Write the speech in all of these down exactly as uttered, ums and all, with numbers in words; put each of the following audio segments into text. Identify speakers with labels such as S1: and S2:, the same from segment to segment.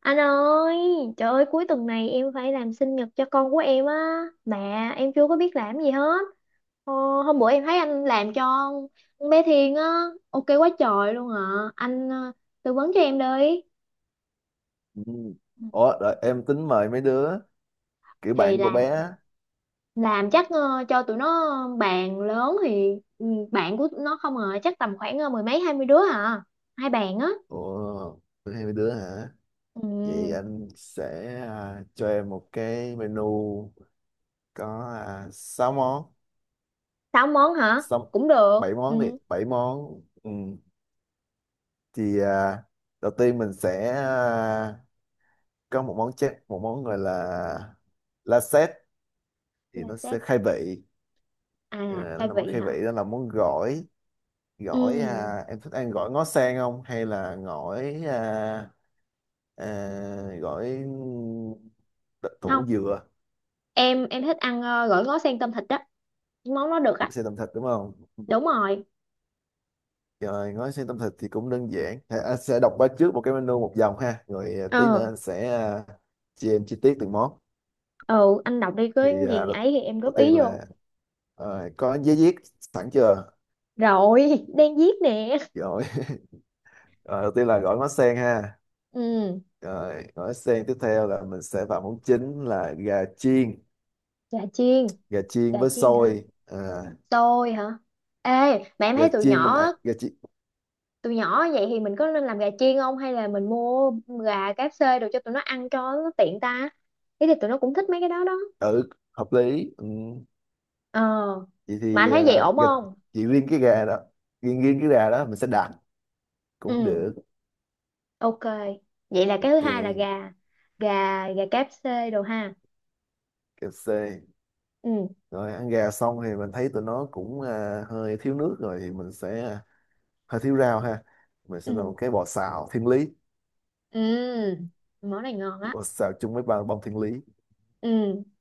S1: Anh ơi, trời ơi cuối tuần này em phải làm sinh nhật cho con của em á. Mà em chưa có biết làm gì hết. Ờ, hôm bữa em thấy anh làm cho con bé Thiên á, ok quá trời luôn ạ. Anh ờ, tư vấn cho em đi.
S2: Ừ. Ủa, đợi, em tính mời mấy đứa kiểu
S1: Thì
S2: bạn của
S1: là
S2: bé á.
S1: làm chắc ờ, cho tụi nó bàn lớn thì ừ, bạn của tụi nó không à, chắc tầm khoảng ờ, mười mấy hai mươi đứa hả? Hai bàn á.
S2: Ủa, hay mấy đứa hả? Vậy
S1: Ừ,
S2: anh sẽ à, cho em một cái menu có à, sáu món,
S1: sáu món hả?
S2: sáu,
S1: Cũng được.
S2: bảy món đi,
S1: Ừ,
S2: bảy món. Ừ. Thì à, đầu tiên mình sẽ à, có một món chép, một món gọi là la thì
S1: là
S2: nó sẽ
S1: set
S2: khai vị.
S1: à,
S2: Ờ, nó
S1: khai
S2: là món
S1: vị
S2: khai
S1: hả?
S2: vị, đó là món gỏi.
S1: Ừ.
S2: Gỏi à, em thích ăn gỏi ngó sen không? Hay là gỏi à, à, gọi đ-
S1: Không
S2: thủ dừa
S1: em em thích ăn ờ, gỏi ngó sen tôm thịt á. Cái món nó được
S2: cũng
S1: á.
S2: xe tẩm thịt đúng không,
S1: Đúng rồi.
S2: rồi gói xe tẩm thịt thì cũng đơn giản. à, anh sẽ đọc qua trước một cái menu một dòng ha, rồi à, tí nữa
S1: Ờ.
S2: anh sẽ à, chia em chi tiết từng món.
S1: Ừ, anh đọc đi có
S2: thì à,
S1: gì
S2: đầu,
S1: ấy thì em
S2: đầu
S1: góp
S2: tiên
S1: ý vô.
S2: là à, có giấy viết sẵn chưa?
S1: Rồi đang viết nè.
S2: Rồi Ờ, đầu tiên là gỏi ngó sen ha,
S1: Ừ.
S2: rồi gỏi sen. Tiếp theo là mình sẽ vào món chính là gà chiên,
S1: Chà chiên.
S2: gà chiên
S1: Chà
S2: với
S1: chiên hả?
S2: xôi. À,
S1: Xôi hả? Ê, mà em
S2: gà
S1: thấy tụi
S2: chiên mình ạ-
S1: nhỏ
S2: gà chiên.
S1: tụi nhỏ vậy thì mình có nên làm gà chiên không hay là mình mua gà ca ép ép rồi cho tụi nó ăn cho nó tiện ta, thế thì tụi nó cũng thích mấy cái đó đó.
S2: Ừ, hợp lý. Ừ.
S1: Ờ,
S2: Vậy
S1: mà anh
S2: thì
S1: thấy vậy
S2: à,
S1: ổn
S2: gà,
S1: không?
S2: chỉ riêng cái gà đó, riêng riêng cái gà đó mình sẽ đặt cũng
S1: Ừ,
S2: được.
S1: ok. Vậy là cái thứ
S2: Ok,
S1: hai là gà gà gà ca ép ép đồ ha.
S2: kẹp c.
S1: Ừ.
S2: Rồi ăn gà xong thì mình thấy tụi nó cũng à, hơi thiếu nước, rồi thì mình sẽ à, hơi thiếu rau ha, mình sẽ làm một
S1: Ừ.
S2: cái bò xào thiên lý,
S1: Ừ, món này ngon á.
S2: bò xào chung với ba bông thiên lý.
S1: Ừ,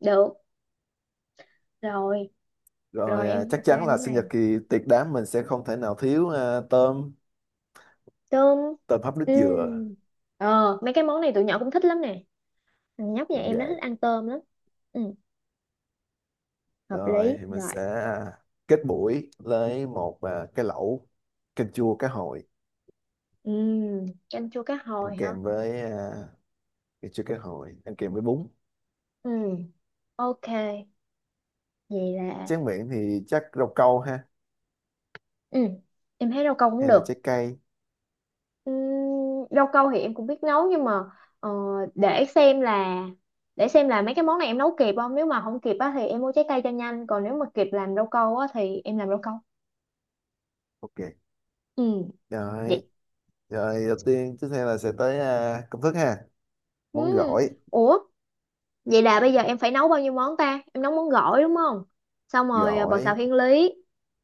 S1: được rồi.
S2: Rồi
S1: Rồi,
S2: à,
S1: em
S2: chắc
S1: ok
S2: chắn là
S1: món
S2: sinh nhật
S1: này.
S2: kỳ tiệc đám mình sẽ không thể nào thiếu à, tôm,
S1: Tôm.
S2: tôm hấp nước
S1: Ừ.
S2: dừa.
S1: Ờ, mấy cái món này tụi nhỏ cũng thích lắm nè, thằng nhóc nhà
S2: Đúng
S1: em nó
S2: vậy.
S1: thích ăn tôm lắm. Ừ, hợp
S2: Rồi
S1: lý
S2: thì mình
S1: rồi.
S2: sẽ à, kết buổi với một à, cái lẩu canh chua cá hồi
S1: Ừ. Canh chua cá
S2: ăn
S1: hồi hả?
S2: kèm với à, thì chưa có hội ăn kèm với bún.
S1: Ừ, ok. Vậy là
S2: Tráng miệng thì chắc rau câu ha,
S1: ừ, em thấy rau câu cũng
S2: hay là
S1: được.
S2: trái cây.
S1: Ừm, rau câu thì em cũng biết nấu nhưng mà ờ, để xem là, để xem là mấy cái món này em nấu kịp không, nếu mà không kịp á thì em mua trái cây cho nhanh, còn nếu mà kịp làm rau câu á thì em làm rau câu.
S2: Ok.
S1: Ừ,
S2: Rồi,
S1: vậy.
S2: rồi đầu tiên, tiếp theo là sẽ tới à, công thức ha,
S1: Ừ.
S2: món gỏi.
S1: Ủa, vậy là bây giờ em phải nấu bao nhiêu món ta, em nấu món gỏi đúng không, xong rồi ờ, bò xào
S2: Gỏi
S1: thiên lý,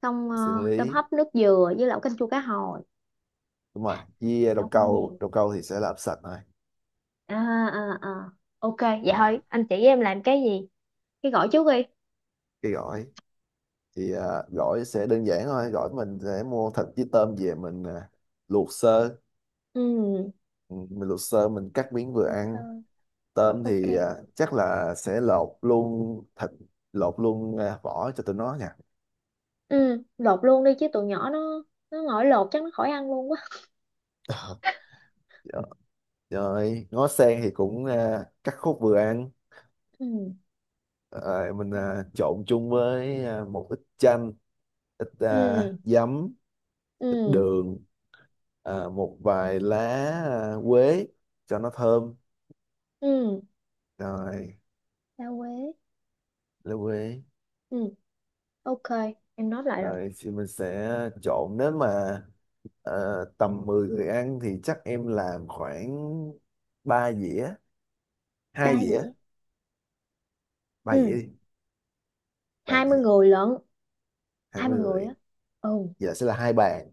S1: xong ờ,
S2: xử
S1: tôm
S2: lý
S1: hấp nước dừa với lẩu canh chua cá hồi.
S2: đúng rồi, với
S1: Nấu
S2: rau
S1: cũng
S2: câu,
S1: nhiều.
S2: rau câu thì sẽ làm sạch thôi.
S1: À. À à. Ok vậy
S2: Rồi
S1: thôi anh chỉ em làm cái gì cái gỏi trước đi.
S2: cái gỏi thì à, gỏi sẽ đơn giản thôi, gỏi mình sẽ mua thịt với tôm về mình à, luộc sơ.
S1: Ừ,
S2: Ừ, mình luộc sơ mình cắt miếng vừa
S1: được
S2: ăn.
S1: rồi.
S2: Tôm
S1: Ok.
S2: thì à, chắc là sẽ lột luôn thịt, lột luôn à, vỏ cho tụi nó nha.
S1: Ừ, lột luôn đi chứ tụi nhỏ nó nó ngồi lột chắc nó khỏi ăn luôn quá.
S2: Dạ, rồi ngó sen thì cũng à, cắt khúc vừa ăn.
S1: Ừ.
S2: Ờ, mình à, trộn chung với à, một ít chanh, ít à,
S1: Ừ.
S2: giấm, ít
S1: Ừ.
S2: đường, à, một vài lá, à, quế cho nó thơm.
S1: Ừ.
S2: Rồi
S1: Rau quế.
S2: lá quế.
S1: Ừ, ok, em nói lại rồi.
S2: Rồi thì mình sẽ trộn. Nếu mà à, tầm mười người ăn thì chắc em làm khoảng ba dĩa
S1: Ba
S2: hai dĩa
S1: dĩa.
S2: ba dĩa
S1: Ừ,
S2: đi. Ba
S1: hai mươi
S2: dĩa.
S1: người lận.
S2: hai
S1: Hai mươi
S2: mươi
S1: người
S2: người
S1: á. Ừ,
S2: giờ sẽ là hai bàn.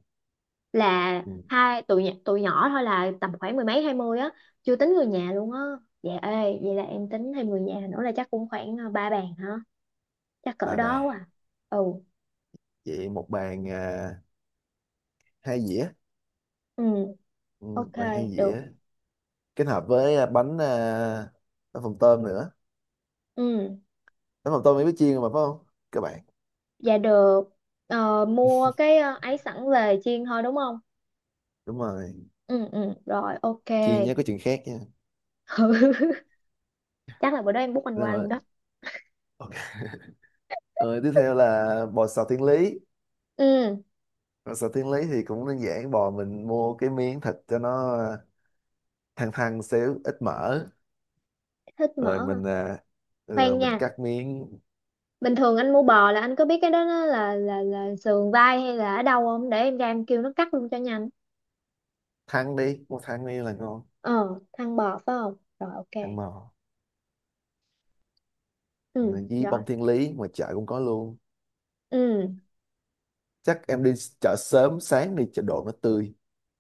S1: là
S2: Ừ,
S1: hai tụi nhỏ, tụi nhỏ thôi là tầm khoảng mười mấy hai mươi á, chưa tính người nhà luôn á. Dạ, ê vậy là em tính thêm người nhà nữa là chắc cũng khoảng ờ, ba bàn hả? Chắc
S2: ba
S1: cỡ đó
S2: bàn
S1: quá à. Ừ.
S2: Vậy một bàn à, hai dĩa.
S1: Ừ.
S2: Ừ,
S1: Ok.
S2: vàng hai
S1: Được.
S2: dĩa, kết hợp với à, bánh à, bánh phồng tôm nữa.
S1: Ừ.
S2: Bánh phồng tôm mới biết chiên mà phải không các bạn?
S1: Dạ được. Ờ, mua cái ờ, ấy sẵn về chiên thôi đúng không?
S2: Đúng rồi.
S1: Ừ. Ừ, rồi ok.
S2: Chiên nhé, có chuyện khác nha.
S1: Chắc là bữa đó em bút anh
S2: Đúng
S1: qua
S2: rồi.
S1: luôn đó.
S2: Ok. Rồi tiếp theo là bò xào thiên lý.
S1: Ừ,
S2: Bò xào thiên lý thì cũng đơn giản, bò mình mua cái miếng thịt cho nó à, thăn, thăn xíu ít mỡ.
S1: thích
S2: Rồi
S1: mỡ hả?
S2: mình à, ừ,
S1: Khoan
S2: mình
S1: nha.
S2: cắt miếng.
S1: Bình thường anh mua bò là anh có biết cái đó nó là là là sườn vai hay là ở đâu không, để em ra em kêu nó cắt luôn cho nhanh.
S2: Thăn đi, mua thăn đi là ngon.
S1: Ờ, thăn bò phải không? Rồi ok.
S2: Thăn bò.
S1: Ừ,
S2: Rồi với
S1: rồi.
S2: bông thiên lý ngoài chợ cũng có luôn.
S1: Ừ.
S2: Chắc em đi chợ sớm, sáng đi chợ đồ nó tươi,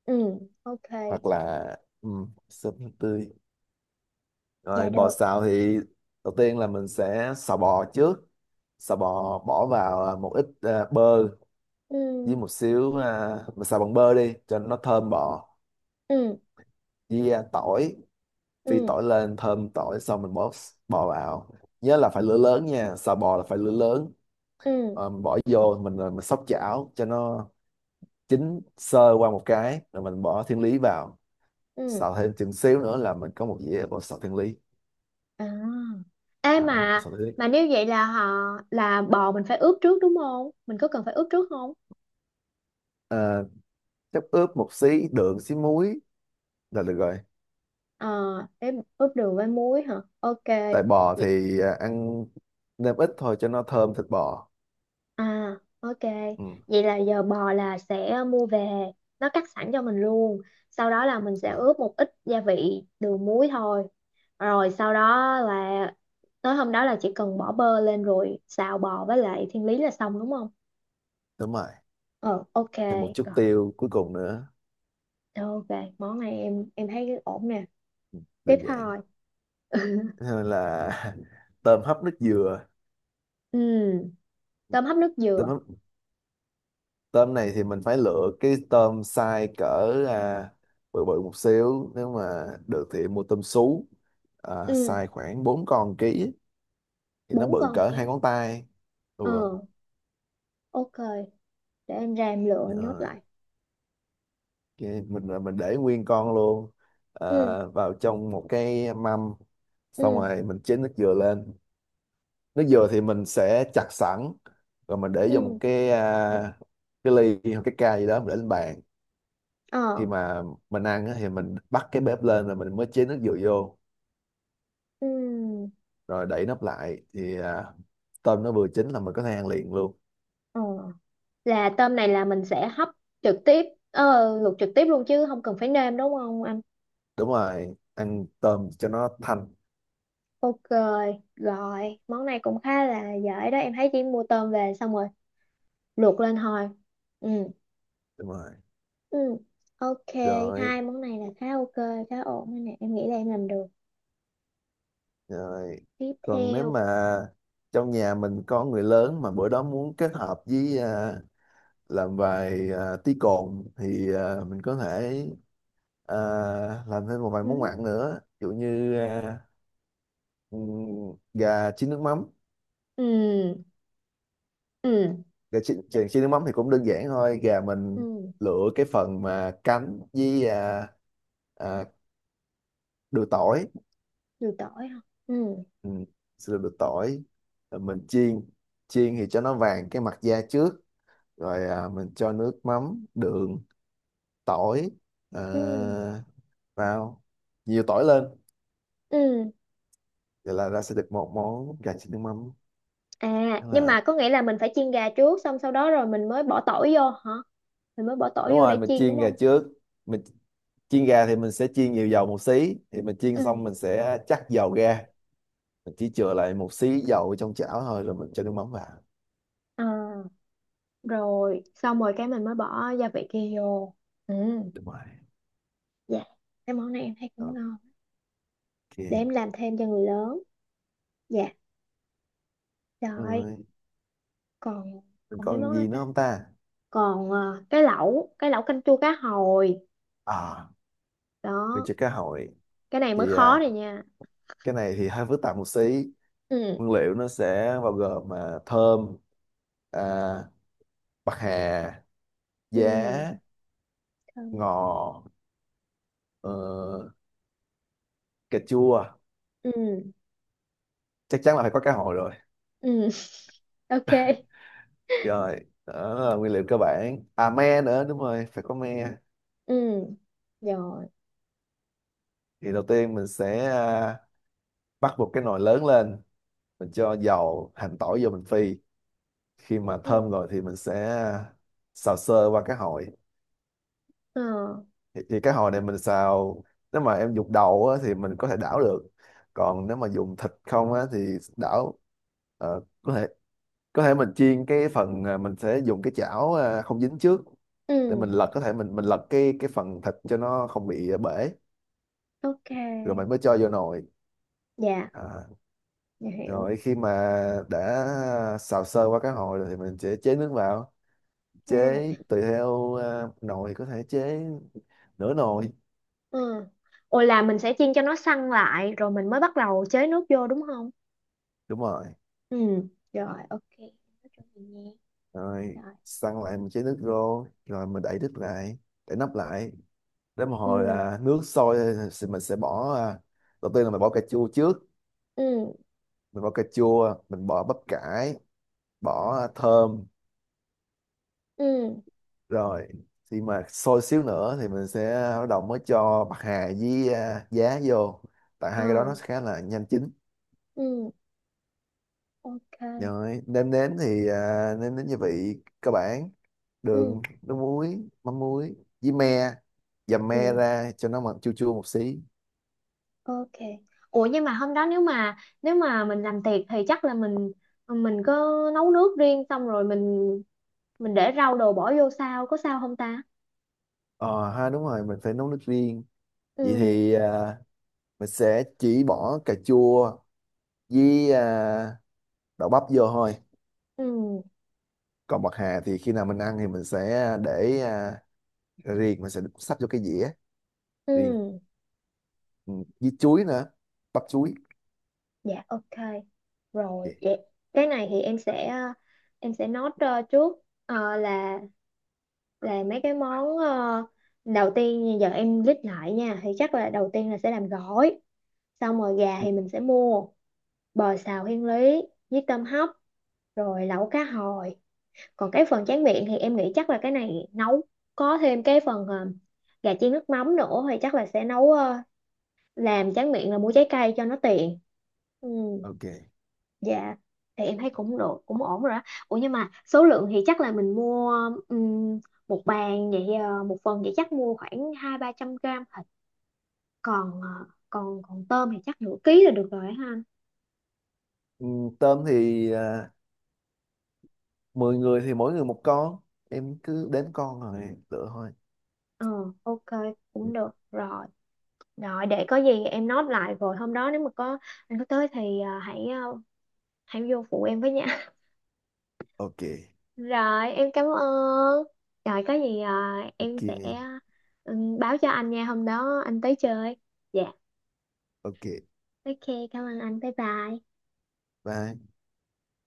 S1: Ừ, ok.
S2: hoặc là um, súp tươi.
S1: Dạ
S2: Rồi bò
S1: được.
S2: xào thì đầu tiên là mình sẽ xào bò trước. Xào bò bỏ vào à, một ít à, bơ, với
S1: Ừ.
S2: một xíu à, mình xào bằng bơ đi cho nó thơm bò,
S1: Ừ.
S2: với à, tỏi, phi
S1: Ừ.
S2: tỏi lên thơm tỏi xong mình bỏ s- bò vào. Nhớ là phải lửa lớn nha, xào bò là phải lửa lớn.
S1: Ừ.
S2: Ờ, mình bỏ vô mình à, mình xóc chảo cho nó chín sơ qua một cái rồi mình bỏ thiên lý vào.
S1: Ừ.
S2: Xào thêm chừng xíu nữa là mình có một dĩa bò xào thiên lý.
S1: À. Ê
S2: Đó, bò
S1: mà
S2: xào thiên lý.
S1: mà nếu vậy là họ, là bò mình phải ướp trước đúng không? Mình có cần phải ướp trước không?
S2: Ờ, chắc ướp một xí đường, xí muối là được rồi.
S1: Ờ, để ướp đường với muối hả? Ok.
S2: Tại bò
S1: Vậy,
S2: thì à, ăn nêm ít thôi cho nó thơm thịt bò.
S1: à, ok.
S2: Ừ,
S1: Vậy là giờ bò là sẽ mua về, nó cắt sẵn cho mình luôn. Sau đó là mình sẽ
S2: mà
S1: ướp một ít gia vị đường muối thôi. Rồi sau đó là tới hôm đó là chỉ cần bỏ bơ lên rồi xào bò với lại thiên lý là xong đúng không?
S2: đúng rồi,
S1: Ờ, ok.
S2: thêm một chút
S1: Rồi,
S2: tiêu cuối cùng nữa.
S1: ok. Món này em em thấy ổn nè. Tiếp
S2: Đơn giản.
S1: thôi.
S2: Thế nên là tôm hấp nước dừa.
S1: Ừ. Tôm hấp nước
S2: Tôm
S1: dừa.
S2: hấp, tôm này thì mình phải lựa cái tôm size cỡ à, bự bự một xíu, nếu mà được thì mua tôm sú à,
S1: Ừ.
S2: size khoảng bốn con ký, thì nó
S1: Bốn
S2: bự
S1: con
S2: cỡ
S1: cái.
S2: hai ngón tay. Ừ.
S1: Ờ, ok, để em ra em lựa nốt
S2: Ờ,
S1: lại.
S2: cái mình là mình để nguyên con luôn,
S1: Ừ.
S2: ờ, vào trong một cái mâm, xong
S1: Ừ.
S2: rồi mình chế nước dừa lên. Nước dừa thì mình sẽ chặt sẵn, rồi mình để vô một
S1: Ừ.
S2: cái à, cái ly hoặc cái ca gì đó, mình để lên bàn. Khi
S1: Ờ.
S2: mà mình ăn á, thì mình bắt cái bếp lên rồi mình mới chế nước dừa vô,
S1: Ừ.
S2: rồi đậy nắp lại thì à, tôm nó vừa chín là mình có thể ăn liền luôn.
S1: Ờ, là tôm này là mình sẽ hấp trực tiếp, ờ, luộc trực tiếp luôn chứ không cần phải nêm đúng không anh?
S2: Đúng rồi, ăn tôm cho nó thanh.
S1: Ok. Rồi món này cũng khá là dễ đó, em thấy chỉ mua tôm về xong rồi luộc lên thôi. Ừ.
S2: Đúng rồi.
S1: Ừ, ok.
S2: Rồi.
S1: Hai món này là khá ok, khá ổn đây nè, em nghĩ là em làm được.
S2: Rồi.
S1: Tiếp
S2: Còn nếu
S1: theo.
S2: mà trong nhà mình có người lớn mà bữa đó muốn kết hợp với à, làm vài à, tí cồn thì à, mình có thể à, làm thêm một vài món
S1: Ừ.
S2: mặn nữa. Ví dụ như à, ừm, gà chiên nước mắm.
S1: Ừ. Ừ.
S2: Gà chiên, chiên chiên nước mắm thì cũng đơn giản thôi. Gà mình
S1: Ừ.
S2: lựa cái phần mà cánh với à, à, đùi tỏi.
S1: Nhiều tỏi hả? Ừ.
S2: Ừ, sữa đùi tỏi. Rồi mình chiên. Chiên thì cho nó vàng cái mặt da trước, rồi à, mình cho nước mắm, đường, tỏi à,
S1: Ừ.
S2: vào, nhiều tỏi lên.
S1: Ừ.
S2: Vậy là ra sẽ được một món gà chiên nước mắm.
S1: À
S2: Đó
S1: nhưng
S2: là
S1: mà có nghĩa là mình phải chiên gà trước xong sau đó rồi mình mới bỏ tỏi vô hả, mình mới bỏ tỏi
S2: đúng
S1: vô
S2: rồi,
S1: để
S2: mình
S1: chiên đúng
S2: chiên gà
S1: không?
S2: trước. Mình chiên gà thì mình sẽ chiên nhiều dầu một xí, thì mình
S1: Ừ.
S2: chiên xong mình sẽ chắc dầu ra, mình chỉ chừa lại một xí dầu trong chảo thôi rồi mình cho nước mắm vào.
S1: À, rồi xong rồi cái mình mới bỏ gia vị kia vô. Ừ.
S2: Đúng rồi.
S1: Dạ, cái món này em thấy cũng
S2: Ok.
S1: ngon, để em làm thêm cho người lớn. Dạ. Rồi.
S2: Rồi
S1: Còn,
S2: mình
S1: còn mấy
S2: còn
S1: món nữa
S2: gì nữa
S1: ta,
S2: không ta?
S1: còn ờ, cái lẩu, cái lẩu canh chua cá hồi
S2: À, mình
S1: đó.
S2: cho cá hồi
S1: Cái này mới
S2: thì
S1: khó
S2: à,
S1: này nha.
S2: cái này thì hơi phức tạp một xí.
S1: Ừ.
S2: Nguyên liệu nó sẽ bao gồm mà thơm, à, bạc hà, giá,
S1: Ừ.
S2: ngò, ờ, cà chua,
S1: Ừ.
S2: chắc chắn là phải có cá hồi rồi.
S1: Ừ. Ok.
S2: Rồi, đó là nguyên liệu cơ bản. À me nữa, đúng rồi phải có me.
S1: Ừ. Rồi.
S2: Thì đầu tiên mình sẽ à, bắt một cái nồi lớn lên, mình cho dầu hành tỏi vô mình phi. Khi mà thơm
S1: Ừ.
S2: rồi thì mình sẽ à, xào sơ qua cá hồi.
S1: Ờ.
S2: thì, thì cái hồi này mình xào, nếu mà em dùng đầu á, thì mình có thể đảo được, còn nếu mà dùng thịt không á, thì đảo, ờ, có thể, có thể mình chiên cái phần à, mình sẽ dùng cái chảo à, không dính trước
S1: Ừ.
S2: để mình lật, có thể mình mình lật cái cái phần thịt cho nó không bị à, bể, rồi
S1: Ok.
S2: mình mới cho vô nồi.
S1: Dạ.
S2: à,
S1: Dạ hiểu.
S2: rồi khi mà đã xào sơ qua cái hồi rồi thì mình sẽ chế nước vào, chế
S1: À.
S2: tùy theo à, nồi, có thể chế nửa nồi.
S1: Ừ. Ồ, là mình sẽ chiên cho nó săn lại rồi mình mới bắt đầu chế nước vô đúng không?
S2: Đúng rồi.
S1: Ừ. Rồi ok em. Nói chung thì nghe.
S2: Rồi
S1: Rồi.
S2: săn lại một chén nước rô, rồi mình đậy đít lại, để nắp lại, đến một hồi
S1: Ừ.
S2: là nước sôi thì mình sẽ bỏ à, đầu tiên là mình bỏ cà chua trước,
S1: Ừ.
S2: mình bỏ cà chua, mình bỏ bắp cải, bỏ thơm.
S1: Ừ.
S2: Rồi khi mà sôi xíu nữa thì mình sẽ bắt đầu mới cho bạc hà với à, giá vô, tại
S1: Ờ.
S2: hai cái đó nó khá là nhanh chín.
S1: Ừ. Ok.
S2: Rồi nêm nếm thì à, nêm nếm gia vị cơ bản,
S1: Ừ.
S2: đường, nước muối, mắm muối, với me, dầm me
S1: Ừ.
S2: ra cho nó mặn chua chua một xí.
S1: Ok. Ủa nhưng mà hôm đó nếu mà, nếu mà mình làm tiệc thì chắc là mình mình có nấu nước riêng xong rồi mình mình để rau đồ bỏ vô sao, có sao không ta?
S2: Ờ ha, đúng rồi mình phải nấu nước riêng.
S1: Ừ.
S2: Vậy thì à, mình sẽ chỉ bỏ cà chua với à, đậu bắp vô thôi.
S1: Ừ.
S2: Còn bạc hà thì khi nào mình ăn thì mình sẽ để à, riêng, mình sẽ sắp vô cái dĩa riêng.
S1: Ừ.
S2: Ừ, với chuối nữa, bắp chuối.
S1: Dạ ok. Rồi
S2: Ok.
S1: vậy. Cái này thì em sẽ ờ, em sẽ note ờ, trước ờ, là là mấy cái món ờ, đầu tiên, như giờ em list lại nha, thì chắc là đầu tiên là sẽ làm gỏi, xong rồi gà thì mình sẽ mua, bò xào thiên lý với tôm hấp, rồi lẩu cá hồi. Còn cái phần tráng miệng thì em nghĩ chắc là cái này nấu có thêm cái phần ờ, gà chiên nước mắm nữa, thì chắc là sẽ nấu ờ, làm tráng miệng là mua trái cây cho nó tiện. Ừ.
S2: Ok.
S1: Dạ. Thì em thấy cũng được, cũng ổn rồi đó. Ủa nhưng mà số lượng thì chắc là mình mua, ừm, một bàn vậy, ờ, một phần vậy chắc mua khoảng hai ba trăm gram thịt, còn ờ, còn, còn tôm thì chắc nửa ký là được rồi ha anh?
S2: Ừ, tôm thì à, mười người thì mỗi người một con, em cứ đếm con rồi lựa thôi.
S1: Ờ, ok, cũng được rồi. Rồi để có gì em nốt lại, rồi hôm đó nếu mà có anh có tới thì ờ, hãy, ờ, hãy vô phụ em với nha.
S2: Ok.
S1: Rồi, em cảm ơn. Rồi, có gì à, em
S2: Ok.
S1: sẽ, ừ, báo cho anh nha, hôm đó anh tới chơi. Dạ,
S2: Ok,
S1: ok, cảm ơn anh, bye bye.
S2: bye.